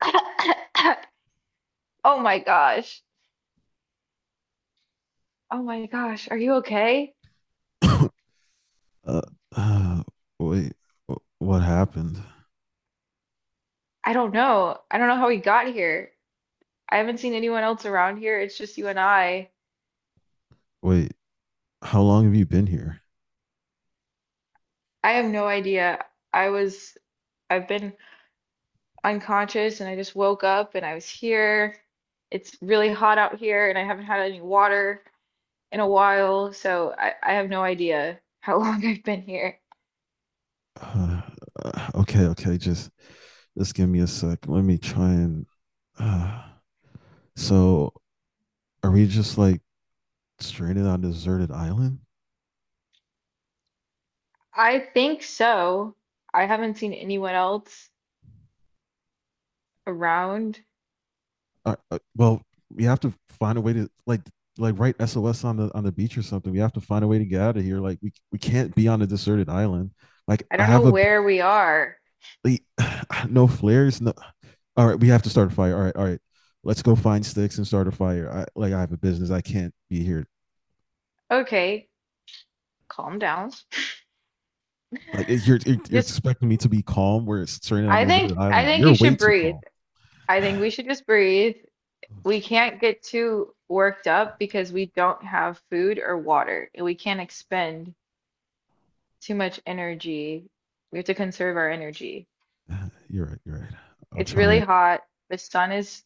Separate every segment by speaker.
Speaker 1: Oh my gosh. Oh my gosh. Are you okay?
Speaker 2: uh, uh, wait, what happened?
Speaker 1: I don't know. I don't know how we got here. I haven't seen anyone else around here. It's just you and I.
Speaker 2: Wait, how long have you been here?
Speaker 1: I have no idea. I was, I've been unconscious and I just woke up and I was here. It's really hot out here and I haven't had any water in a while, so I have no idea how long I've been here.
Speaker 2: Uh, okay, okay, just give me a sec. Let me try and. Uh, so, are we just like stranded on a deserted island?
Speaker 1: I think so. I haven't seen anyone else around.
Speaker 2: Well, we have to find a way to like write SOS on the beach or something. We have to find a way to get out of here. Like we can't be on a deserted island. Like
Speaker 1: I
Speaker 2: I
Speaker 1: don't know
Speaker 2: have a
Speaker 1: where we are.
Speaker 2: like, no flares. No, all right, we have to start a fire. All right, let's go find sticks and start a fire. Like I have a business, I can't be here.
Speaker 1: Okay, calm down.
Speaker 2: Like you're, you're you're
Speaker 1: Just,
Speaker 2: expecting me to be calm where it's stranded on a deserted
Speaker 1: I
Speaker 2: island.
Speaker 1: think
Speaker 2: You're
Speaker 1: you
Speaker 2: way
Speaker 1: should
Speaker 2: too
Speaker 1: breathe.
Speaker 2: calm.
Speaker 1: I think we should just breathe. We can't get too worked up because we don't have food or water, and we can't expend too much energy. We have to conserve our energy.
Speaker 2: You're right. You're right. I'll
Speaker 1: It's
Speaker 2: try
Speaker 1: really
Speaker 2: and
Speaker 1: hot. The sun is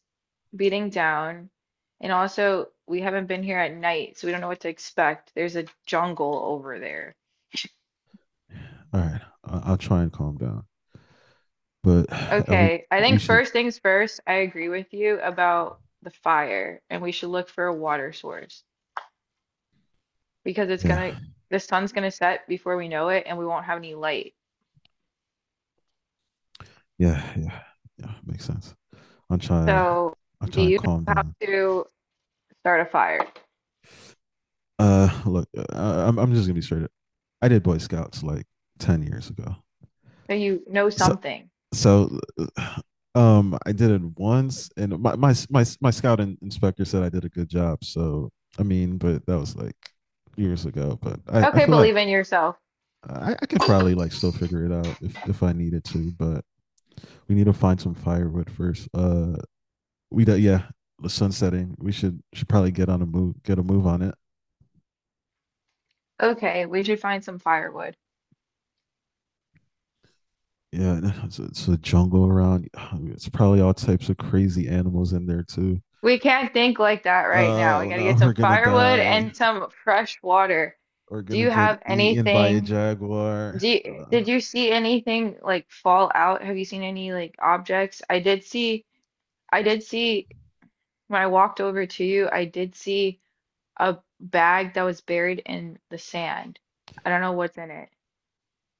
Speaker 1: beating down, and also we haven't been here at night, so we don't know what to expect. There's a jungle over there.
Speaker 2: all right. I'll try and calm down. But at least
Speaker 1: Okay, I
Speaker 2: we
Speaker 1: think
Speaker 2: should.
Speaker 1: first things first, I agree with you about the fire, and we should look for a water source because
Speaker 2: Yeah,
Speaker 1: the sun's gonna set before we know it, and we won't have any light.
Speaker 2: yeah, yeah, yeah. Makes sense. I'll try.
Speaker 1: So,
Speaker 2: I'll
Speaker 1: do
Speaker 2: try and
Speaker 1: you
Speaker 2: calm
Speaker 1: know how
Speaker 2: down.
Speaker 1: to start a fire?
Speaker 2: Look, I'm just gonna be straight up. I did Boy Scouts like 10 years ago.
Speaker 1: So you know
Speaker 2: So
Speaker 1: something.
Speaker 2: so I did it once and my scout inspector said I did a good job so I mean but that was like years ago but i
Speaker 1: Okay,
Speaker 2: feel like
Speaker 1: believe in yourself.
Speaker 2: I could probably like still figure it out if i needed to but we need to find some firewood first we do, yeah the sun setting we should probably get a move on it
Speaker 1: Okay, we should find some firewood.
Speaker 2: yeah it's a jungle around it's probably all types of crazy animals in there too
Speaker 1: We can't think like that right now. We
Speaker 2: oh
Speaker 1: gotta
Speaker 2: no
Speaker 1: get
Speaker 2: we're
Speaker 1: some
Speaker 2: gonna
Speaker 1: firewood
Speaker 2: die
Speaker 1: and some fresh water.
Speaker 2: are
Speaker 1: Do
Speaker 2: gonna
Speaker 1: you
Speaker 2: get
Speaker 1: have
Speaker 2: eaten by a
Speaker 1: anything?
Speaker 2: jaguar.
Speaker 1: Do you, did you see anything like fall out? Have you seen any like objects? I did see When I walked over to you, I did see a bag that was buried in the sand. I don't know what's in it.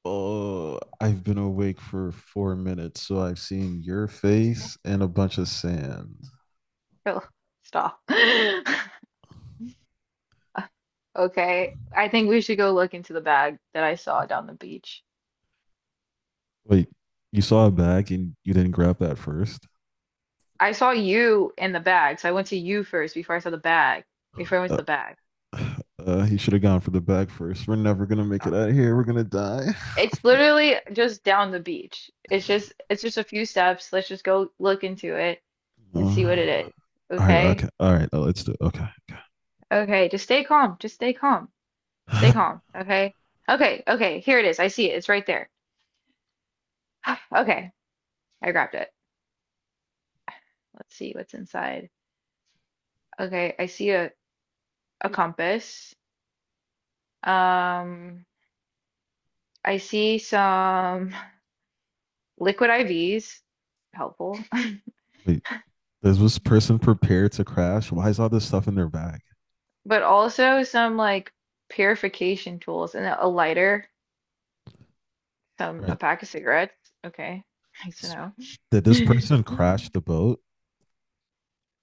Speaker 2: Oh, I've been awake for 4 minutes, so I've seen your face and a bunch of sand.
Speaker 1: Oh, stop. Okay, I think we should go look into the bag that I saw down the beach.
Speaker 2: Wait, you saw a bag and you didn't grab that first?
Speaker 1: I saw you in the bag, so I went to you first before I saw the bag, before I went to
Speaker 2: Uh,
Speaker 1: the bag.
Speaker 2: he should have gone for the bag first. We're never gonna make it out of here. We're gonna die.
Speaker 1: It's literally just down the beach. It's just a few steps. Let's just go look into it and see what it
Speaker 2: Uh,
Speaker 1: is.
Speaker 2: all right,
Speaker 1: Okay?
Speaker 2: okay, all right. Let's do it. Okay.
Speaker 1: Okay, just stay calm. Just stay calm. Stay calm, okay? Okay, okay, here it is. I see it. It's right there. Okay, I grabbed it. Let's see what's inside. Okay, I see a compass. Um, I see some liquid IVs, helpful,
Speaker 2: Wait, is this person prepared to crash? Why is all this stuff in their bag?
Speaker 1: but also some like purification tools and a lighter. Some
Speaker 2: All
Speaker 1: a
Speaker 2: right.
Speaker 1: pack of cigarettes. Okay. Nice to
Speaker 2: Did this
Speaker 1: know.
Speaker 2: person crash the boat?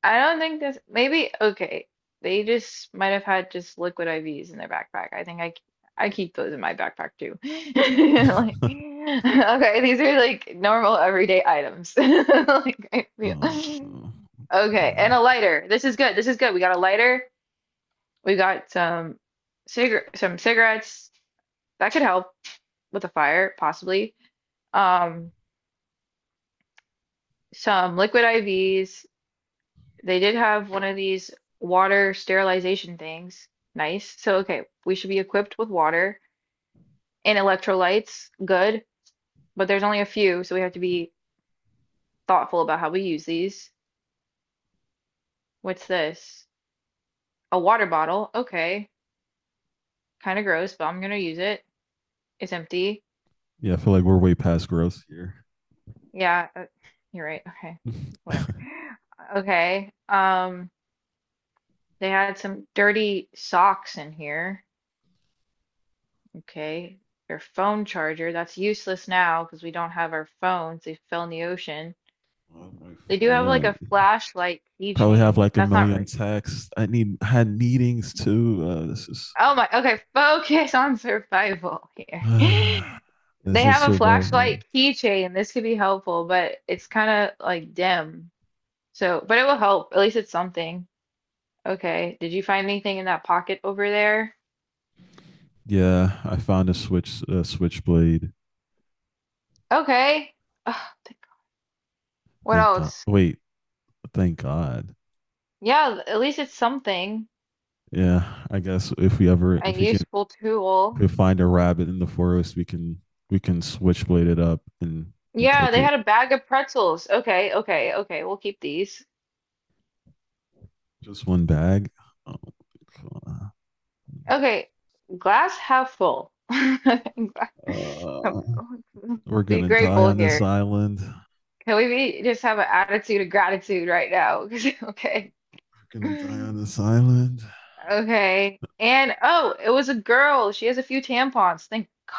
Speaker 1: I don't think this, maybe, okay. They just might have had just liquid IVs in their backpack. I think I keep those in my backpack too. Like,
Speaker 2: All
Speaker 1: okay, these are like normal everyday items. Like, I feel.
Speaker 2: Oh, oh,
Speaker 1: Okay, and
Speaker 2: yeah.
Speaker 1: a lighter. This is good. This is good. We got a lighter. We got some cigar some cigarettes. That could help with a fire, possibly. Um, some liquid IVs, they did have one of these water sterilization things. Nice. So, okay, we should be equipped with water and electrolytes. Good. But there's only a few, so we have to be thoughtful about how we use these. What's this? A water bottle. Okay. Kind of gross, but I'm gonna use it. It's empty.
Speaker 2: Yeah, I feel like we're way past gross here.
Speaker 1: Yeah, you're right. Okay. Whatever. Okay. They had some dirty socks in here. Okay. Your phone charger, that's useless now because we don't have our phones. They fell in the ocean.
Speaker 2: Oh my
Speaker 1: They do have like a
Speaker 2: phone.
Speaker 1: flashlight
Speaker 2: Probably have
Speaker 1: keychain.
Speaker 2: like a
Speaker 1: That's not
Speaker 2: million
Speaker 1: really.
Speaker 2: texts. I had meetings too. This is
Speaker 1: Oh my. Okay, focus on survival here.
Speaker 2: uh,
Speaker 1: They
Speaker 2: this is
Speaker 1: have a
Speaker 2: survival.
Speaker 1: flashlight keychain. This could be helpful, but it's kind of like dim. So, but it will help. At least it's something. Okay. Did you find anything in that pocket over there?
Speaker 2: Yeah, I found a switchblade.
Speaker 1: Okay. Ugh, what
Speaker 2: Thank God.
Speaker 1: else?
Speaker 2: Wait, thank God.
Speaker 1: Yeah, at least it's something.
Speaker 2: Yeah, I guess
Speaker 1: A
Speaker 2: if we can
Speaker 1: useful
Speaker 2: if
Speaker 1: tool.
Speaker 2: we find a rabbit in the forest, we can switchblade it up and
Speaker 1: Yeah,
Speaker 2: cook
Speaker 1: they
Speaker 2: it.
Speaker 1: had a bag of pretzels. Okay, okay, okay. We'll keep these.
Speaker 2: Just one bag. Oh, God.
Speaker 1: Okay, glass half full. Gla-
Speaker 2: Uh, we're
Speaker 1: Be
Speaker 2: gonna die
Speaker 1: grateful
Speaker 2: on this
Speaker 1: here.
Speaker 2: island. We're
Speaker 1: Can we be just have an attitude of gratitude right now? 'Cause- Okay.
Speaker 2: gonna die on this island.
Speaker 1: Okay. And oh, it was a girl. She has a few tampons. Thank God.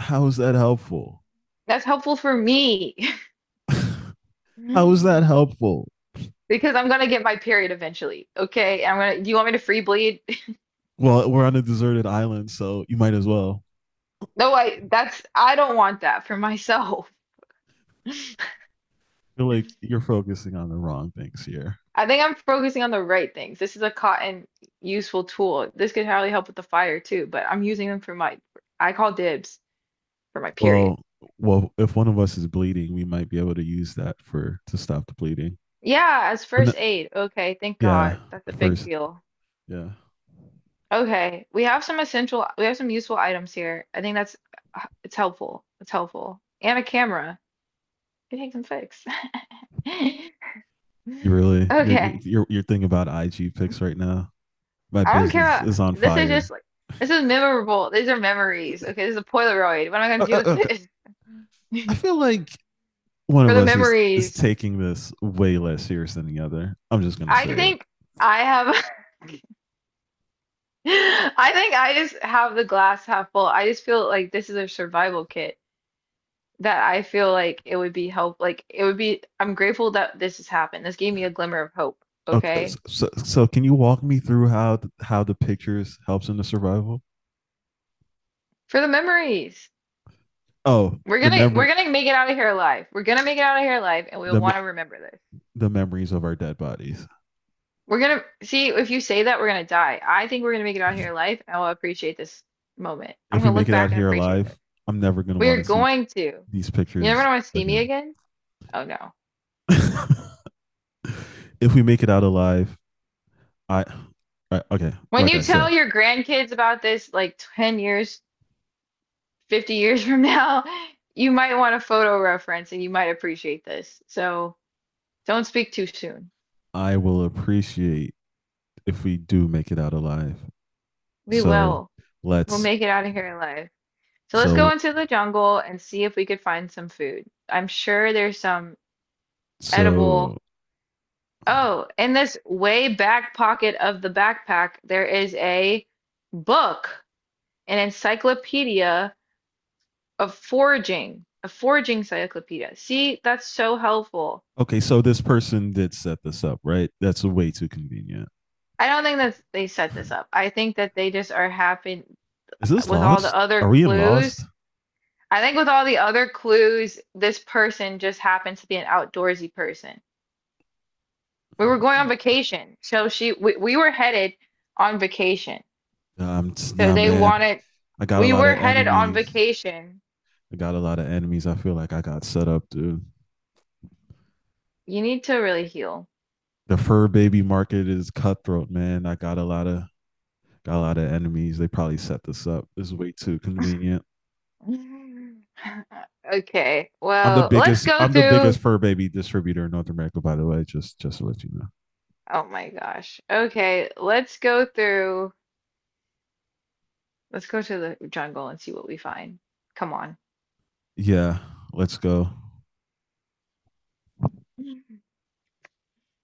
Speaker 2: How is that helpful?
Speaker 1: That's helpful for me.
Speaker 2: How is that helpful?
Speaker 1: Because I'm gonna get my period eventually. Okay. I'm gonna, do you want me to free bleed?
Speaker 2: Well, we're on a deserted island, so you might as well.
Speaker 1: No, I that's I don't want that for myself.
Speaker 2: I feel like you're focusing on the wrong things here.
Speaker 1: I think I'm focusing on the right things. This is a cotton useful tool. This could hardly help with the fire too, but I'm using them for my, I call dibs for my period.
Speaker 2: Well, well, if one of us is bleeding, we might be able to use that for to stop the bleeding.
Speaker 1: Yeah, as
Speaker 2: But no,
Speaker 1: first aid. Okay, thank
Speaker 2: yeah,
Speaker 1: God. That's a big
Speaker 2: first,
Speaker 1: deal.
Speaker 2: yeah,
Speaker 1: Okay, we have some useful items here. I think that's, it's helpful. It's helpful. And a camera. It take some fix.
Speaker 2: you really
Speaker 1: Okay,
Speaker 2: you're thinking about IG pics right now. My
Speaker 1: I don't care
Speaker 2: business
Speaker 1: about,
Speaker 2: is on
Speaker 1: this is just
Speaker 2: fire.
Speaker 1: like, this is memorable. These are memories. Okay, this is a Polaroid. What am I gonna do with
Speaker 2: Okay.
Speaker 1: this?
Speaker 2: I feel like one
Speaker 1: For
Speaker 2: of
Speaker 1: the
Speaker 2: us is
Speaker 1: memories,
Speaker 2: taking this way less serious than the other. I'm just gonna
Speaker 1: I
Speaker 2: say it.
Speaker 1: think I have, I think I just have the glass half full. I just feel like this is a survival kit that I feel like it would be help. Like it would be, I'm grateful that this has happened. This gave me a glimmer of hope.
Speaker 2: Okay,
Speaker 1: Okay.
Speaker 2: can you walk me through how how the pictures helps in the survival?
Speaker 1: For the memories,
Speaker 2: Oh, the memory,
Speaker 1: we're gonna make it out of here alive. We're gonna make it out of here alive, and we'll
Speaker 2: the me-
Speaker 1: want to remember this.
Speaker 2: the memories of our dead bodies.
Speaker 1: We're gonna see if you say that we're gonna die. I think we're gonna make it out of here alive, and I'll appreciate this moment. I'm
Speaker 2: If we
Speaker 1: gonna
Speaker 2: make
Speaker 1: look
Speaker 2: it out
Speaker 1: back and
Speaker 2: here
Speaker 1: appreciate
Speaker 2: alive,
Speaker 1: this.
Speaker 2: I'm never gonna want
Speaker 1: We're
Speaker 2: to see
Speaker 1: going to. You
Speaker 2: these
Speaker 1: never
Speaker 2: pictures
Speaker 1: want to see me
Speaker 2: again.
Speaker 1: again? Oh no.
Speaker 2: If we make it out alive, I, I okay,
Speaker 1: When
Speaker 2: like
Speaker 1: you
Speaker 2: I said,
Speaker 1: tell your grandkids about this, like 10 years, 50 years from now, you might want a photo reference and you might appreciate this. So don't speak too soon.
Speaker 2: I will appreciate if we do make it out alive.
Speaker 1: We
Speaker 2: So
Speaker 1: will. We'll
Speaker 2: let's
Speaker 1: make it out of here alive. So let's go
Speaker 2: so
Speaker 1: into the jungle and see if we could find some food. I'm sure there's some
Speaker 2: so
Speaker 1: edible. Oh, in this way back pocket of the backpack, there is a book, an encyclopedia of foraging, a foraging encyclopedia. See, that's so helpful.
Speaker 2: okay, so this person did set this up, right? That's way too convenient.
Speaker 1: I don't think that they set this up. I think that they just are happy
Speaker 2: Is this
Speaker 1: with all the
Speaker 2: lost?
Speaker 1: other
Speaker 2: Are we in lost?
Speaker 1: clues. I think with all the other clues, this person just happens to be an outdoorsy person. We were headed on vacation.
Speaker 2: Nah,
Speaker 1: So
Speaker 2: nah
Speaker 1: they
Speaker 2: man.
Speaker 1: wanted
Speaker 2: I got a
Speaker 1: we
Speaker 2: lot
Speaker 1: were
Speaker 2: of
Speaker 1: headed on
Speaker 2: enemies.
Speaker 1: vacation.
Speaker 2: I got a lot of enemies. I feel like I got set up, dude.
Speaker 1: You need to really heal.
Speaker 2: The fur baby market is cutthroat, man. I got a lot of Got a lot of enemies. They probably set this up. This is way too convenient.
Speaker 1: Okay, well, let's go
Speaker 2: I'm the
Speaker 1: through.
Speaker 2: biggest fur baby distributor in North America, by the way. Just to let you know.
Speaker 1: Oh my gosh. Okay, let's go through. Let's go to the jungle and see what we find. Come on.
Speaker 2: Yeah, let's go.